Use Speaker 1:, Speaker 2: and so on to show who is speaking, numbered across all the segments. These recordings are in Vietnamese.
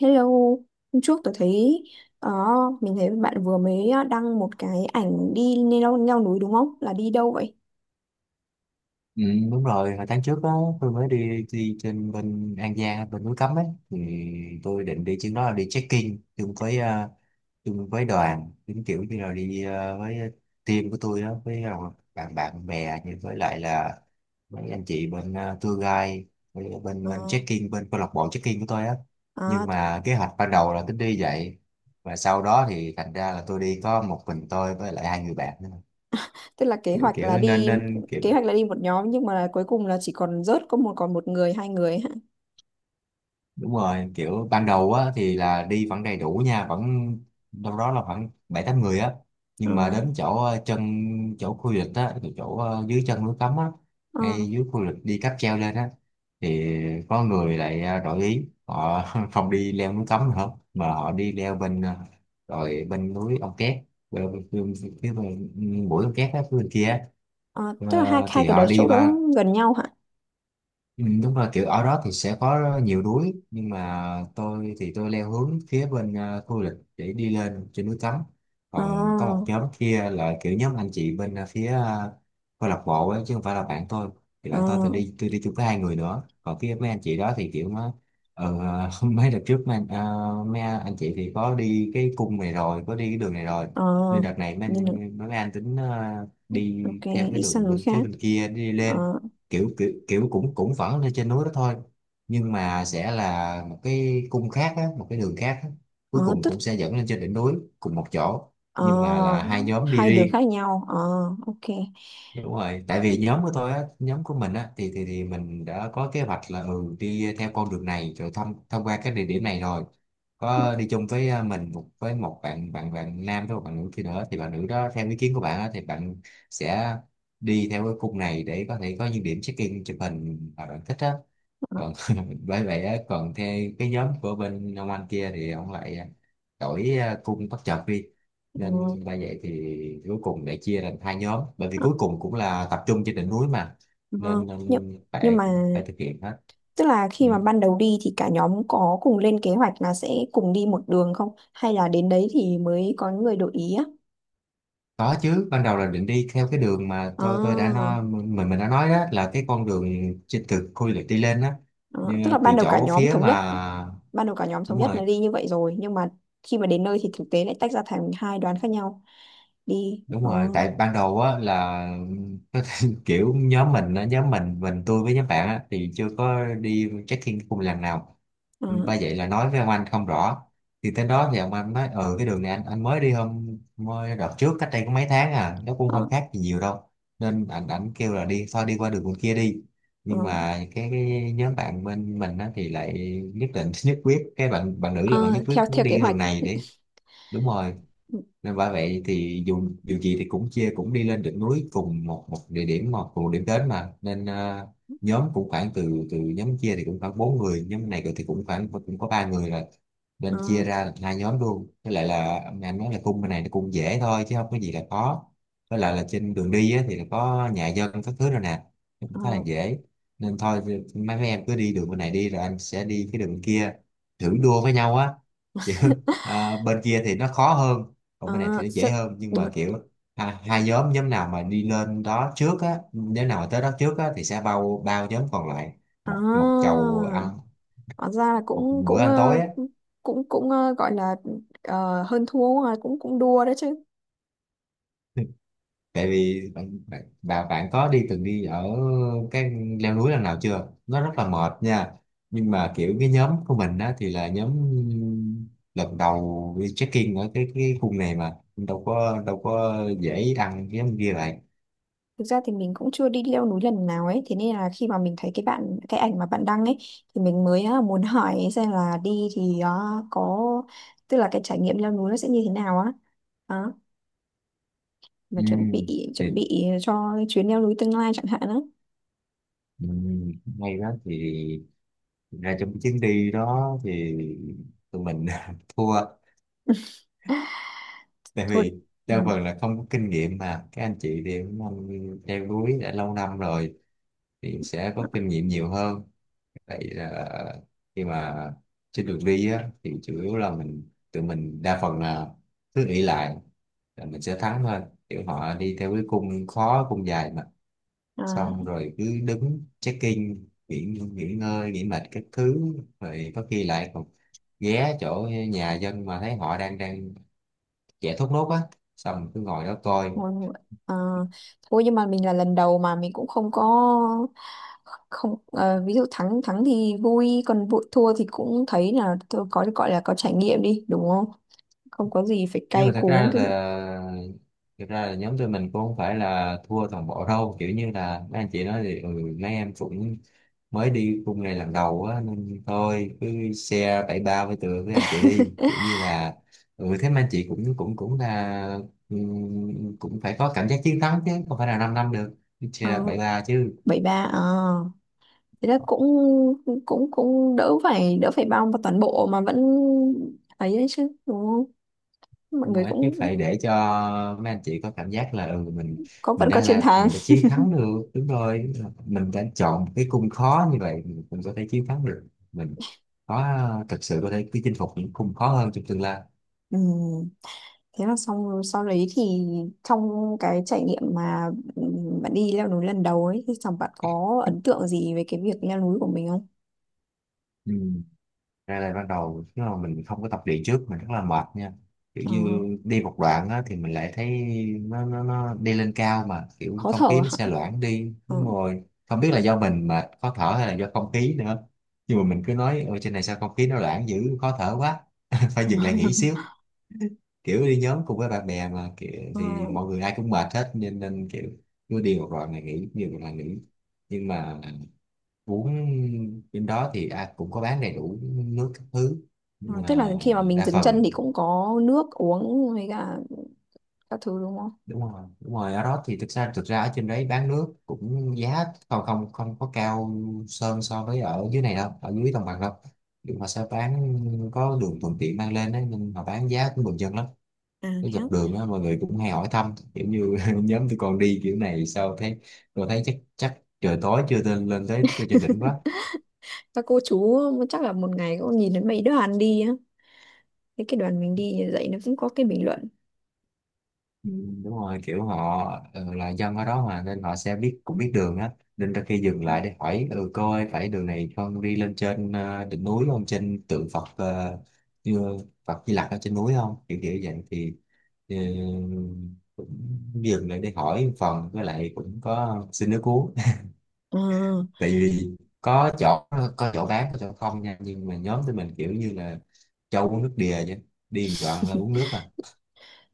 Speaker 1: Hello, hôm trước tôi thấy ờ, mình thấy bạn vừa mới đăng một cái ảnh đi leo núi đúng không? Là đi đâu vậy?
Speaker 2: Ừ, đúng rồi, hồi tháng trước á, tôi mới đi đi trên bên An Giang, bên núi Cấm ấy, thì tôi định đi chuyến đó là đi check-in chung với chung với đoàn, giống kiểu như là đi với team của tôi đó, với bạn bạn bè, như với lại là mấy anh chị bên tour guide, với bên
Speaker 1: Ờ,
Speaker 2: bên check-in, bên câu lạc bộ check-in của tôi á. Nhưng
Speaker 1: à,
Speaker 2: mà kế hoạch ban đầu là tính đi vậy, và sau đó thì thành ra là tôi đi có một mình tôi với lại hai người bạn nữa.
Speaker 1: tức là kế
Speaker 2: kiểu
Speaker 1: hoạch là
Speaker 2: kiểu nên
Speaker 1: đi
Speaker 2: nên kiểu
Speaker 1: một nhóm nhưng mà cuối cùng là chỉ còn rớt có một còn một người hai người hả?
Speaker 2: đúng rồi, kiểu ban đầu á thì là đi vẫn đầy đủ nha, vẫn đâu đó là khoảng bảy tám người á,
Speaker 1: Ờ,
Speaker 2: nhưng mà đến chỗ chân, chỗ khu du lịch á, chỗ chỗ, ờ, dưới chân núi cấm á,
Speaker 1: ờ,
Speaker 2: ngay dưới khu du lịch đi cáp treo lên á, thì có người lại đổi ý họ không đi leo núi cấm nữa mà họ đi leo rồi bên núi Ông Két, bên, bên, bên, bên, bên, bên, bên, bên, bên, bên, kia á.
Speaker 1: ờ, tức là hai
Speaker 2: Ờ,
Speaker 1: hai
Speaker 2: thì
Speaker 1: cái
Speaker 2: họ
Speaker 1: đấy
Speaker 2: đi
Speaker 1: chỗ đó nó
Speaker 2: qua.
Speaker 1: gần nhau hả?
Speaker 2: Ừ, đúng rồi kiểu ở đó thì sẽ có nhiều núi, nhưng mà tôi thì tôi leo hướng phía bên khu du lịch để đi lên trên núi Cấm,
Speaker 1: Ờ,
Speaker 2: còn có một nhóm kia là kiểu nhóm anh chị bên câu lạc bộ ấy, chứ không phải là bạn tôi. Thì
Speaker 1: ờ,
Speaker 2: bạn tôi, tôi đi chung với hai người nữa, còn phía mấy anh chị đó thì kiểu mà ờ, mấy đợt trước mấy anh chị thì có đi cái cung này rồi, có đi cái đường này rồi,
Speaker 1: ờ,
Speaker 2: nên đợt này
Speaker 1: nhưng mà-
Speaker 2: mấy anh tính đi
Speaker 1: ok,
Speaker 2: theo cái
Speaker 1: đi sang
Speaker 2: đường
Speaker 1: núi
Speaker 2: bên phía
Speaker 1: khác.
Speaker 2: bên kia đi
Speaker 1: Ờ,
Speaker 2: lên. Kiểu kiểu kiểu cũng cũng vẫn lên trên núi đó thôi, nhưng mà sẽ là một cái cung khác á, một cái đường khác á, cuối
Speaker 1: ờ,
Speaker 2: cùng
Speaker 1: tức
Speaker 2: cũng sẽ dẫn lên trên đỉnh núi cùng một chỗ,
Speaker 1: ờ,
Speaker 2: nhưng mà là hai nhóm đi
Speaker 1: hai đường
Speaker 2: riêng.
Speaker 1: khác nhau. Ờ, ok.
Speaker 2: Đúng rồi, tại vì nhóm của tôi á, nhóm của mình á, thì mình đã có kế hoạch là ừ đi theo con đường này rồi, thông thông qua cái địa điểm này rồi,
Speaker 1: Ờ,
Speaker 2: có đi chung với à, mình một với một bạn, bạn nam với một bạn nữ kia nữa, thì bạn nữ đó theo ý kiến của bạn á, thì bạn sẽ đi theo cái khung này để có thể có những điểm check-in chụp hình mà bạn thích á. Còn bởi vậy á, còn theo cái nhóm của bên ông anh kia thì ông lại đổi à, cung bất chợt đi,
Speaker 1: ờ.
Speaker 2: nên đã vậy thì cuối cùng để chia thành hai nhóm, bởi vì
Speaker 1: Ờ.
Speaker 2: cuối cùng cũng là tập trung trên đỉnh núi mà,
Speaker 1: Vâng.
Speaker 2: nên, nên
Speaker 1: Nhưng, nhưng
Speaker 2: phải,
Speaker 1: mà
Speaker 2: phải thực hiện hết.
Speaker 1: tức là khi
Speaker 2: Ừ.
Speaker 1: mà ban đầu đi thì cả nhóm có cùng lên kế hoạch là sẽ cùng đi một đường không? Hay là đến đấy thì mới có người đổi ý á?
Speaker 2: Có chứ, ban đầu là định đi theo cái đường mà tôi đã
Speaker 1: À,
Speaker 2: nói, mình đã nói, đó là cái con đường trên từ khu du lịch đi lên đó.
Speaker 1: à, tức là
Speaker 2: Nhưng từ
Speaker 1: ban đầu cả
Speaker 2: chỗ
Speaker 1: nhóm
Speaker 2: phía
Speaker 1: thống nhất,
Speaker 2: mà
Speaker 1: ban đầu cả nhóm thống
Speaker 2: đúng
Speaker 1: nhất là
Speaker 2: rồi,
Speaker 1: đi như vậy rồi, nhưng mà khi mà đến nơi thì thực tế lại tách ra thành hai đoàn khác nhau đi.
Speaker 2: đúng
Speaker 1: Ờ,
Speaker 2: rồi, tại ban đầu á là kiểu nhóm mình á, nhóm mình tôi với nhóm bạn á thì chưa có đi trekking cùng lần nào.
Speaker 1: ờ,
Speaker 2: Ba vậy là nói với ông anh không rõ, thì tới đó thì ông anh nói ừ cái đường này anh mới đi hôm mới đợt trước cách đây có mấy tháng à, nó cũng
Speaker 1: ờ,
Speaker 2: không khác gì nhiều đâu, nên anh ảnh kêu là đi thôi, đi qua đường bên kia đi,
Speaker 1: ờ.
Speaker 2: nhưng mà cái nhóm bạn bên mình á, thì lại nhất định nhất quyết, cái bạn bạn nữ là bạn
Speaker 1: Ờ,
Speaker 2: nhất quyết
Speaker 1: theo
Speaker 2: muốn
Speaker 1: theo
Speaker 2: đi
Speaker 1: kế
Speaker 2: cái
Speaker 1: hoạch.
Speaker 2: đường này để đúng rồi,
Speaker 1: Ừ,
Speaker 2: nên bởi vậy thì dù dù gì thì cũng chia, cũng đi lên được núi cùng một một địa điểm, cùng một điểm đến mà, nên nhóm cũng khoảng từ từ nhóm chia thì cũng khoảng bốn người, nhóm này thì cũng khoảng cũng có ba người rồi,
Speaker 1: Ờ,
Speaker 2: nên chia ra làm hai nhóm luôn, với lại là anh nói là cung bên này nó cũng dễ thôi chứ không có gì là khó, với lại là trên đường đi á, thì là có nhà dân các thứ rồi nè, cũng
Speaker 1: ờ,
Speaker 2: khá là dễ, nên thôi thì mấy mấy em cứ đi đường bên này đi, rồi anh sẽ đi cái đường kia, thử đua với nhau á. Chứ, bên kia thì nó khó hơn, còn bên này thì
Speaker 1: ờ,
Speaker 2: nó
Speaker 1: sẽ-
Speaker 2: dễ hơn, nhưng
Speaker 1: đúng.
Speaker 2: mà kiểu hai nhóm, nhóm nào mà đi lên đó trước á, nhóm nào mà tới đó trước á, thì sẽ bao bao nhóm còn lại
Speaker 1: À,
Speaker 2: một một chầu ăn,
Speaker 1: Thật ra là
Speaker 2: một bữa ăn tối á.
Speaker 1: cũng cũng ờ, gọi là hơn thua, cũng cũng đua đấy chứ.
Speaker 2: Tại vì bạn có đi, từng đi ở cái leo núi lần nào chưa, nó rất là mệt nha, nhưng mà kiểu cái nhóm của mình á thì là nhóm lần đầu đi trekking ở cái khu này, mà đâu có, đâu có dễ đăng cái nhóm kia vậy.
Speaker 1: Thực ra thì mình cũng chưa đi leo núi lần nào ấy, thế nên là khi mà mình thấy cái ảnh mà bạn đăng ấy thì mình mới muốn hỏi xem là đi thì có tức là cái trải nghiệm leo núi nó sẽ như thế nào á. Đó, mà
Speaker 2: Ừ.
Speaker 1: chuẩn bị
Speaker 2: Thì
Speaker 1: chuẩn bị cho chuyến leo núi tương lai chẳng hạn đó.
Speaker 2: ừ, hay đó thì thực ra trong cái chuyến đi đó thì tụi mình thua, tại
Speaker 1: Thôi.
Speaker 2: vì
Speaker 1: Ừ.
Speaker 2: đa phần là không có kinh nghiệm, mà các anh chị thì cũng anh leo núi đã lâu năm rồi, thì sẽ có kinh nghiệm nhiều hơn. Vậy là khi mà trên đường đi á, thì chủ yếu là tụi mình đa phần là cứ nghĩ lại là mình sẽ thắng thôi, kiểu họ đi theo cái cung khó, cung dài mà,
Speaker 1: À,
Speaker 2: xong rồi cứ đứng check-in nghỉ, nghỉ ngơi, nghỉ mệt các thứ, rồi có khi lại còn ghé chỗ nhà dân mà thấy họ đang đang chạy thốt nốt á, xong cứ ngồi đó coi.
Speaker 1: Vâng, à, thôi nhưng mà mình là lần đầu mà mình cũng không có không ví dụ thắng thắng thì vui, còn vụ thua thì cũng thấy là tôi có gọi là có trải nghiệm đi đúng không, không có gì phải
Speaker 2: Nhưng
Speaker 1: cay
Speaker 2: mà thật
Speaker 1: cú,
Speaker 2: ra
Speaker 1: tức là
Speaker 2: là, thực ra là nhóm tụi mình cũng không phải là thua toàn bộ đâu, kiểu như là mấy anh chị nói thì ừ, mấy em cũng mới đi khung này lần đầu á, nên thôi cứ share bảy ba với tụi, với anh chị đi, kiểu như là ừ thế mà anh chị cũng cũng cũng là cũng phải có cảm giác chiến thắng, chứ không phải là 5 năm năm được. Cứ
Speaker 1: ờ,
Speaker 2: share bảy ba chứ.
Speaker 1: bảy ba à, thế là cũng cũng cũng đỡ phải bao vào toàn bộ mà vẫn ấy đấy chứ đúng không, mọi
Speaker 2: Nhưng mà
Speaker 1: người
Speaker 2: rồi chứ
Speaker 1: cũng
Speaker 2: phải để cho mấy anh chị có cảm giác là ừ, mình
Speaker 1: có
Speaker 2: mình
Speaker 1: vẫn có
Speaker 2: đã
Speaker 1: chiến
Speaker 2: là
Speaker 1: thắng.
Speaker 2: mình đã chiến thắng được, đúng rồi, mình đã chọn một cái cung khó như vậy, mình cũng có thể chiến thắng được. Mình có, thực sự có thể chinh phục những cung khó hơn trong tương lai.
Speaker 1: Ừ. Thế là xong sau đấy thì trong cái trải nghiệm mà bạn đi leo núi lần đầu ấy thì chẳng bạn có ấn tượng gì về cái việc leo núi của mình không?
Speaker 2: Ừ. Ra là ban đầu nếu mà mình không có tập luyện trước mình rất là mệt nha, kiểu
Speaker 1: Ờ,
Speaker 2: như đi một đoạn á, thì mình lại thấy nó đi lên cao mà kiểu
Speaker 1: khó
Speaker 2: không khí
Speaker 1: thở
Speaker 2: nó
Speaker 1: hả?
Speaker 2: xe loãng đi,
Speaker 1: Ờ.
Speaker 2: đúng rồi, không biết là do mình mà khó thở hay là do không khí nữa, nhưng mà mình cứ nói ở trên này sao không khí nó loãng dữ, khó thở quá, phải dừng lại nghỉ xíu, kiểu đi nhóm cùng với bạn bè mà kiểu,
Speaker 1: Ờ,
Speaker 2: thì mọi người ai cũng mệt hết, nên nên kiểu cứ đi một đoạn này nghỉ, nhiều đoạn là nghỉ. Nhưng mà bún bên đó thì à, cũng có bán đầy đủ nước các thứ,
Speaker 1: ờ,
Speaker 2: nhưng
Speaker 1: tức là
Speaker 2: mà
Speaker 1: khi mà mình
Speaker 2: đa
Speaker 1: dừng chân
Speaker 2: phần
Speaker 1: thì cũng có nước uống với cả các thứ đúng không?
Speaker 2: đúng rồi, đúng rồi, ở đó thì thực ra, thực ra ở trên đấy bán nước cũng giá còn không không có cao sơn so với ở dưới này đâu, ở dưới đồng bằng đâu, nhưng mà sẽ bán có đường thuận tiện mang lên đấy, nên mà bán giá cũng bình dân lắm.
Speaker 1: À
Speaker 2: Cái
Speaker 1: thế á.
Speaker 2: dọc đường á mọi người cũng hay hỏi thăm, kiểu như nhóm tôi còn đi kiểu này sao thấy tôi thấy chắc, trời tối chưa lên, lên tới, tới trên đỉnh quá.
Speaker 1: Các cô chú chắc là một ngày cũng nhìn đến mấy đoàn đi á. Thế cái đoàn mình đi dạy nó cũng có cái bình luận.
Speaker 2: Ừ, đúng rồi kiểu họ là dân ở đó mà nên họ sẽ biết, cũng biết đường á, nên đôi khi dừng lại để hỏi ừ cô phải đường này con đi lên trên đỉnh núi không, trên tượng Phật như Phật Di Lặc ở trên núi không, kiểu kiểu vậy thì ờ, cũng dừng lại để hỏi một phần, với lại cũng có xin nước uống.
Speaker 1: Ờ.
Speaker 2: Tại vì có chỗ, có chỗ bán, có chỗ không nha, nhưng mà nhóm tụi mình kiểu như là cho uống nước đìa chứ, đi một đoạn là uống nước à.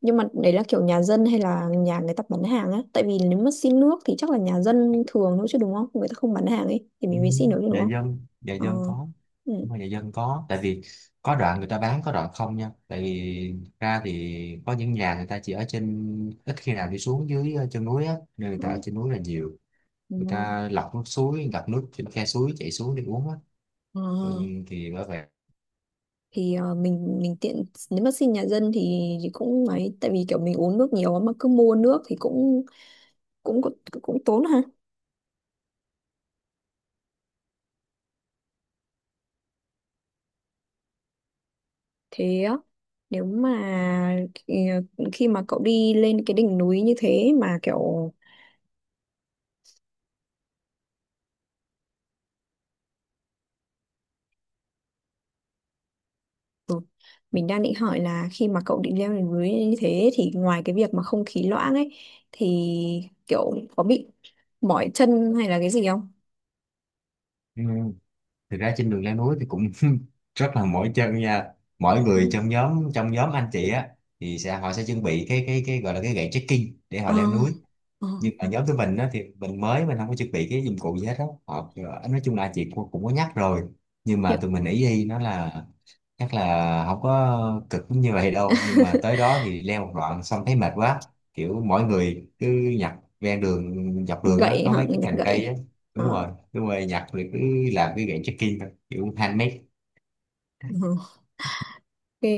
Speaker 1: Nhưng mà đấy là kiểu nhà dân hay là nhà người ta bán hàng á, tại vì nếu mà xin nước thì chắc là nhà dân thường nữa chứ đúng không, người ta không bán hàng ấy thì
Speaker 2: Ừ,
Speaker 1: mình mới xin được chứ đúng
Speaker 2: nhà
Speaker 1: không.
Speaker 2: dân nhà
Speaker 1: Ờ,
Speaker 2: dân có,
Speaker 1: ừ.
Speaker 2: nhưng mà nhà dân có, tại vì có đoạn người ta bán, có đoạn không nha, tại vì thực ra thì có những nhà người ta chỉ ở trên, ít khi nào đi xuống dưới chân núi á, nên người ta ở
Speaker 1: Ừ.
Speaker 2: trên núi là nhiều.
Speaker 1: Ừ.
Speaker 2: Người ta lọc nước suối, gặp nước trên khe suối chảy xuống để uống á.
Speaker 1: Ờ,
Speaker 2: Ừ, thì bởi vậy
Speaker 1: thì mình tiện nếu mà xin nhà dân thì cũng ấy tại vì kiểu mình uống nước nhiều mà cứ mua nước thì cũng cũng cũng, cũng tốn ha, thế á, nếu mà ờ, khi mà cậu đi lên cái đỉnh núi như thế mà kiểu ừ, mình đang định hỏi là khi mà cậu định leo lên núi như thế thì ngoài cái việc mà không khí loãng ấy thì kiểu có bị mỏi chân hay là cái gì không?
Speaker 2: ừ. Thực ra trên đường leo núi thì cũng rất là mỏi chân nha. Mỗi
Speaker 1: Ừ.
Speaker 2: người trong nhóm anh chị á thì sẽ họ sẽ chuẩn bị cái gọi là cái gậy trekking để
Speaker 1: À,
Speaker 2: họ leo núi.
Speaker 1: à,
Speaker 2: Nhưng ở nhóm tụi mình á, thì mình không có chuẩn bị cái dụng cụ gì hết á. Họ nói chung là chị cũng cũng có nhắc rồi, nhưng mà
Speaker 1: nhự-
Speaker 2: tụi mình ý y nó là chắc là không có cực như vậy đâu, nhưng mà tới đó thì leo một đoạn xong thấy mệt quá, kiểu mỗi người cứ nhặt ven đường dọc đường á
Speaker 1: gậy
Speaker 2: có
Speaker 1: hả?
Speaker 2: mấy cái
Speaker 1: Nhặt
Speaker 2: cành cây á.
Speaker 1: gậy. À,
Speaker 2: Đúng rồi, đúng rồi, nhặt rồi cứ làm cái gậy trekking thôi, kiểu handmade.
Speaker 1: ừ, ok.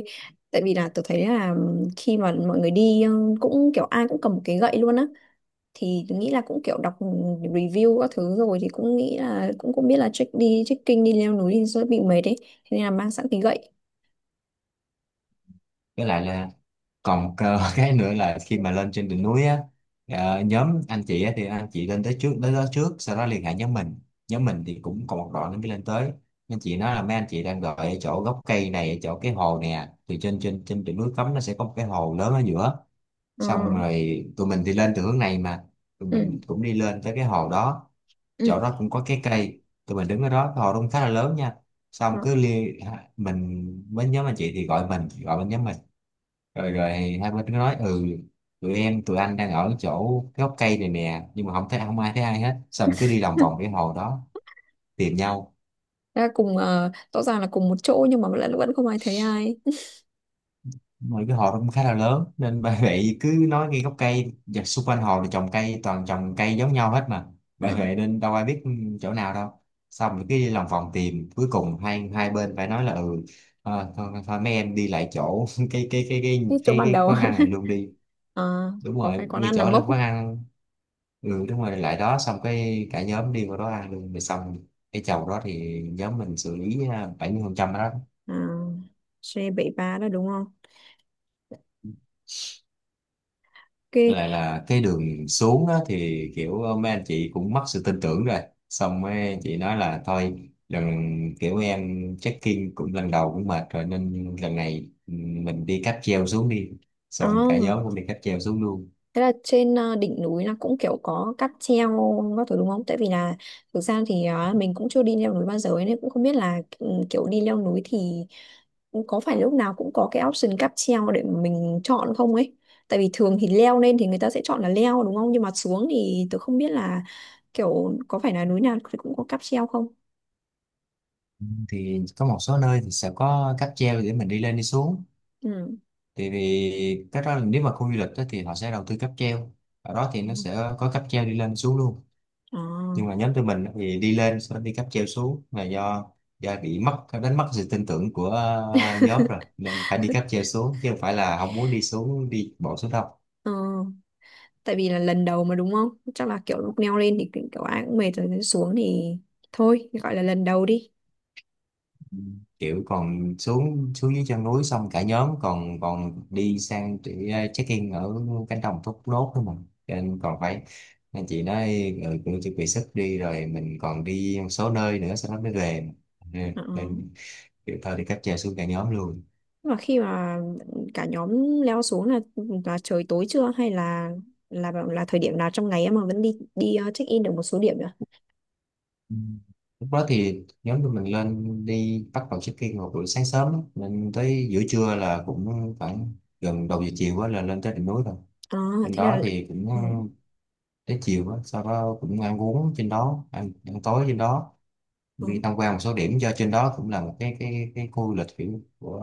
Speaker 1: Tại vì là tôi thấy là khi mà mọi người đi cũng kiểu ai cũng cầm một cái gậy luôn á thì tôi nghĩ là cũng kiểu đọc review các thứ rồi thì cũng nghĩ là cũng cũng biết là check đi trekking đi leo núi thì sẽ bị mệt đấy, thế nên là mang sẵn cái gậy.
Speaker 2: Với lại là còn cơ cái nữa là khi mà lên trên đỉnh núi á, nhóm anh chị á, thì anh chị lên tới trước, tới đó trước sau đó liên hệ nhóm mình. Nhóm mình thì cũng còn một đoạn nữa mới lên tới. Anh chị nói là mấy anh chị đang đợi ở chỗ gốc cây này, ở chỗ cái hồ nè, thì trên trên trên đỉnh núi cấm nó sẽ có một cái hồ lớn ở giữa.
Speaker 1: Ờ,
Speaker 2: Xong rồi tụi mình thì lên từ hướng này, mà tụi
Speaker 1: ừ,
Speaker 2: mình cũng đi lên tới cái hồ đó, chỗ đó cũng có cái cây, tụi mình đứng ở đó, cái hồ đó cũng khá là lớn nha.
Speaker 1: ừ.
Speaker 2: Xong cứ liên mình với nhóm anh chị thì gọi, mình gọi bên nhóm mình, rồi rồi hai bên cứ nói ừ, tụi em tụi anh đang ở chỗ cái gốc cây này nè, nhưng mà không thấy, không ai thấy ai hết. Xong rồi cứ đi lòng vòng cái hồ đó tìm nhau,
Speaker 1: Thế là cùng rõ ràng là cùng một chỗ nhưng mà vẫn vẫn không ai thấy ai,
Speaker 2: mà cái hồ đó cũng khá là lớn nên bà vệ cứ nói ngay gốc cây, và xung quanh hồ thì trồng cây, toàn trồng cây giống nhau hết mà bà
Speaker 1: à,
Speaker 2: vệ, nên đâu ai biết chỗ nào đâu. Xong rồi cứ đi lòng vòng tìm, cuối cùng hai hai bên phải nói là ừ, thôi, thôi mấy em đi lại chỗ cái cái cái cái
Speaker 1: cái chỗ
Speaker 2: cái
Speaker 1: ban
Speaker 2: cái
Speaker 1: đầu.
Speaker 2: quán ăn này luôn đi.
Speaker 1: Ờ,
Speaker 2: Đúng
Speaker 1: có
Speaker 2: rồi,
Speaker 1: cái quán
Speaker 2: ngay
Speaker 1: ăn là
Speaker 2: chỗ là
Speaker 1: mốc.
Speaker 2: quán ăn. Ừ, đúng rồi, lại đó xong cái cả nhóm đi qua đó ăn luôn rồi xong. Cái chầu đó thì nhóm mình xử lý à, 70% phần trăm đó.
Speaker 1: À, c ba đó đúng không,
Speaker 2: Với
Speaker 1: ok.
Speaker 2: lại là cái đường xuống á, thì kiểu mấy anh chị cũng mất sự tin tưởng rồi. Xong mấy anh chị nói là thôi lần, kiểu em check-in cũng lần đầu cũng mệt rồi, nên lần này ừ, mình đi cáp treo xuống đi.
Speaker 1: À,
Speaker 2: Xong cả nhóm cũng đi cáp treo xuống luôn.
Speaker 1: thế là trên đỉnh núi là cũng kiểu có cáp treo các thứ đúng không? Tại vì là thực ra thì mình cũng chưa đi leo núi bao giờ ấy, nên cũng không biết là kiểu đi leo núi thì có phải lúc nào cũng có cái option cáp treo để mà mình chọn không ấy. Tại vì thường thì leo lên thì người ta sẽ chọn là leo đúng không? Nhưng mà xuống thì tôi không biết là kiểu có phải là núi nào thì cũng có cáp treo không?
Speaker 2: Thì có một số nơi thì sẽ có cáp treo để mình đi lên đi xuống.
Speaker 1: Ừ.
Speaker 2: Thì, vì cái đó là nếu mà khu du lịch á, thì họ sẽ đầu tư cáp treo, ở đó thì
Speaker 1: Ừ.
Speaker 2: nó sẽ có cáp treo đi lên xuống luôn.
Speaker 1: À,
Speaker 2: Nhưng mà nhóm tụi mình á, thì đi lên sau đó đi cáp treo xuống là do bị mất, đánh mất sự tin tưởng của nhóm rồi, nên phải đi cáp treo xuống chứ không phải là không muốn đi xuống, đi bộ xuống đâu.
Speaker 1: ờ, tại vì là lần đầu mà đúng không? Chắc là kiểu lúc leo lên thì kiểu ai cũng mệt rồi, xuống thì thôi gọi là lần đầu đi.
Speaker 2: Kiểu còn xuống, xuống dưới chân núi xong cả nhóm còn còn đi sang để check in ở cánh đồng thốt nốt thôi mà. Cho nên còn phải, nên chị nói ừ, cũng chuẩn bị sức đi rồi, mình còn đi một số nơi nữa sau đó mới về. Ừ,
Speaker 1: Ờ.
Speaker 2: nên kiểu thôi thì cáp treo xuống cả nhóm luôn.
Speaker 1: Và khi mà cả nhóm leo xuống là trời tối chưa hay là là thời điểm nào trong ngày em mà vẫn đi đi check in được một số điểm nữa.
Speaker 2: Ừ. Lúc đó thì nhóm tụi mình lên đi, bắt đầu check in vào buổi sáng sớm á, nên tới giữa trưa là cũng khoảng gần đầu giờ chiều quá là lên tới đỉnh núi rồi.
Speaker 1: À,
Speaker 2: Bên
Speaker 1: thế là
Speaker 2: đó thì cũng
Speaker 1: ừ,
Speaker 2: tới chiều á, sau đó cũng ăn uống trên đó, ăn, ăn tối trên đó, đi
Speaker 1: ừ,
Speaker 2: tham quan một số điểm do trên đó cũng là một cái khu du lịch kiểu của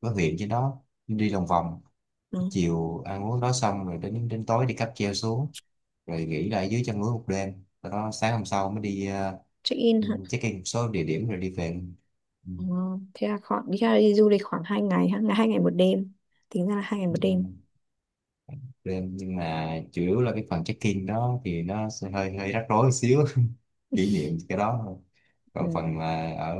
Speaker 2: của huyện, trên đó đi lòng vòng. Tới
Speaker 1: ừ.
Speaker 2: chiều ăn uống đó xong rồi, đến đến tối đi cáp treo xuống, rồi nghỉ lại dưới chân núi một đêm, sau đó sáng hôm sau mới đi.
Speaker 1: Check in hả?
Speaker 2: Uh, check in một số địa điểm rồi đi về. Ừ,
Speaker 1: Ờ, thế là khoảng đi, ra đi du lịch khoảng 2 ngày ha, là 2 ngày một đêm. Tính ra là 2 ngày một đêm.
Speaker 2: ờ, đêm nhưng mà chủ yếu là cái phần check in đó thì nó sẽ hơi hơi rắc rối một xíu kỷ niệm cái đó thôi. Còn
Speaker 1: Ừ.
Speaker 2: phần mà ở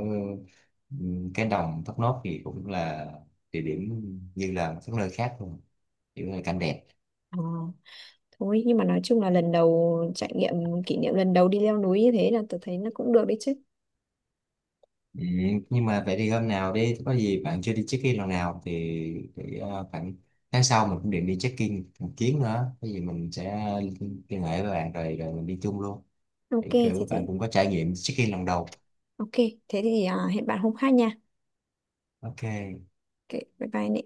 Speaker 2: cái đồng Thốt Nốt thì cũng là địa điểm như là các nơi khác luôn, kiểu là cảnh đẹp.
Speaker 1: Ờ, thôi nhưng mà nói chung là lần đầu trải nghiệm kỷ niệm lần đầu đi leo núi như thế là tôi thấy nó cũng được đấy chứ.
Speaker 2: Ừm, nhưng mà vậy thì hôm nào đi có gì bạn chưa đi check-in lần nào thì khoảng tháng sau mình cũng định đi check-in một chuyến nữa, có gì mình sẽ liên hệ với bạn, rồi rồi mình đi chung luôn,
Speaker 1: Ok
Speaker 2: thì
Speaker 1: thế
Speaker 2: kiểu bạn
Speaker 1: thì
Speaker 2: cũng có trải nghiệm check-in lần đầu.
Speaker 1: ok thế thì à, hẹn bạn hôm khác nha.
Speaker 2: Ok.
Speaker 1: Ok, bye bye Nị.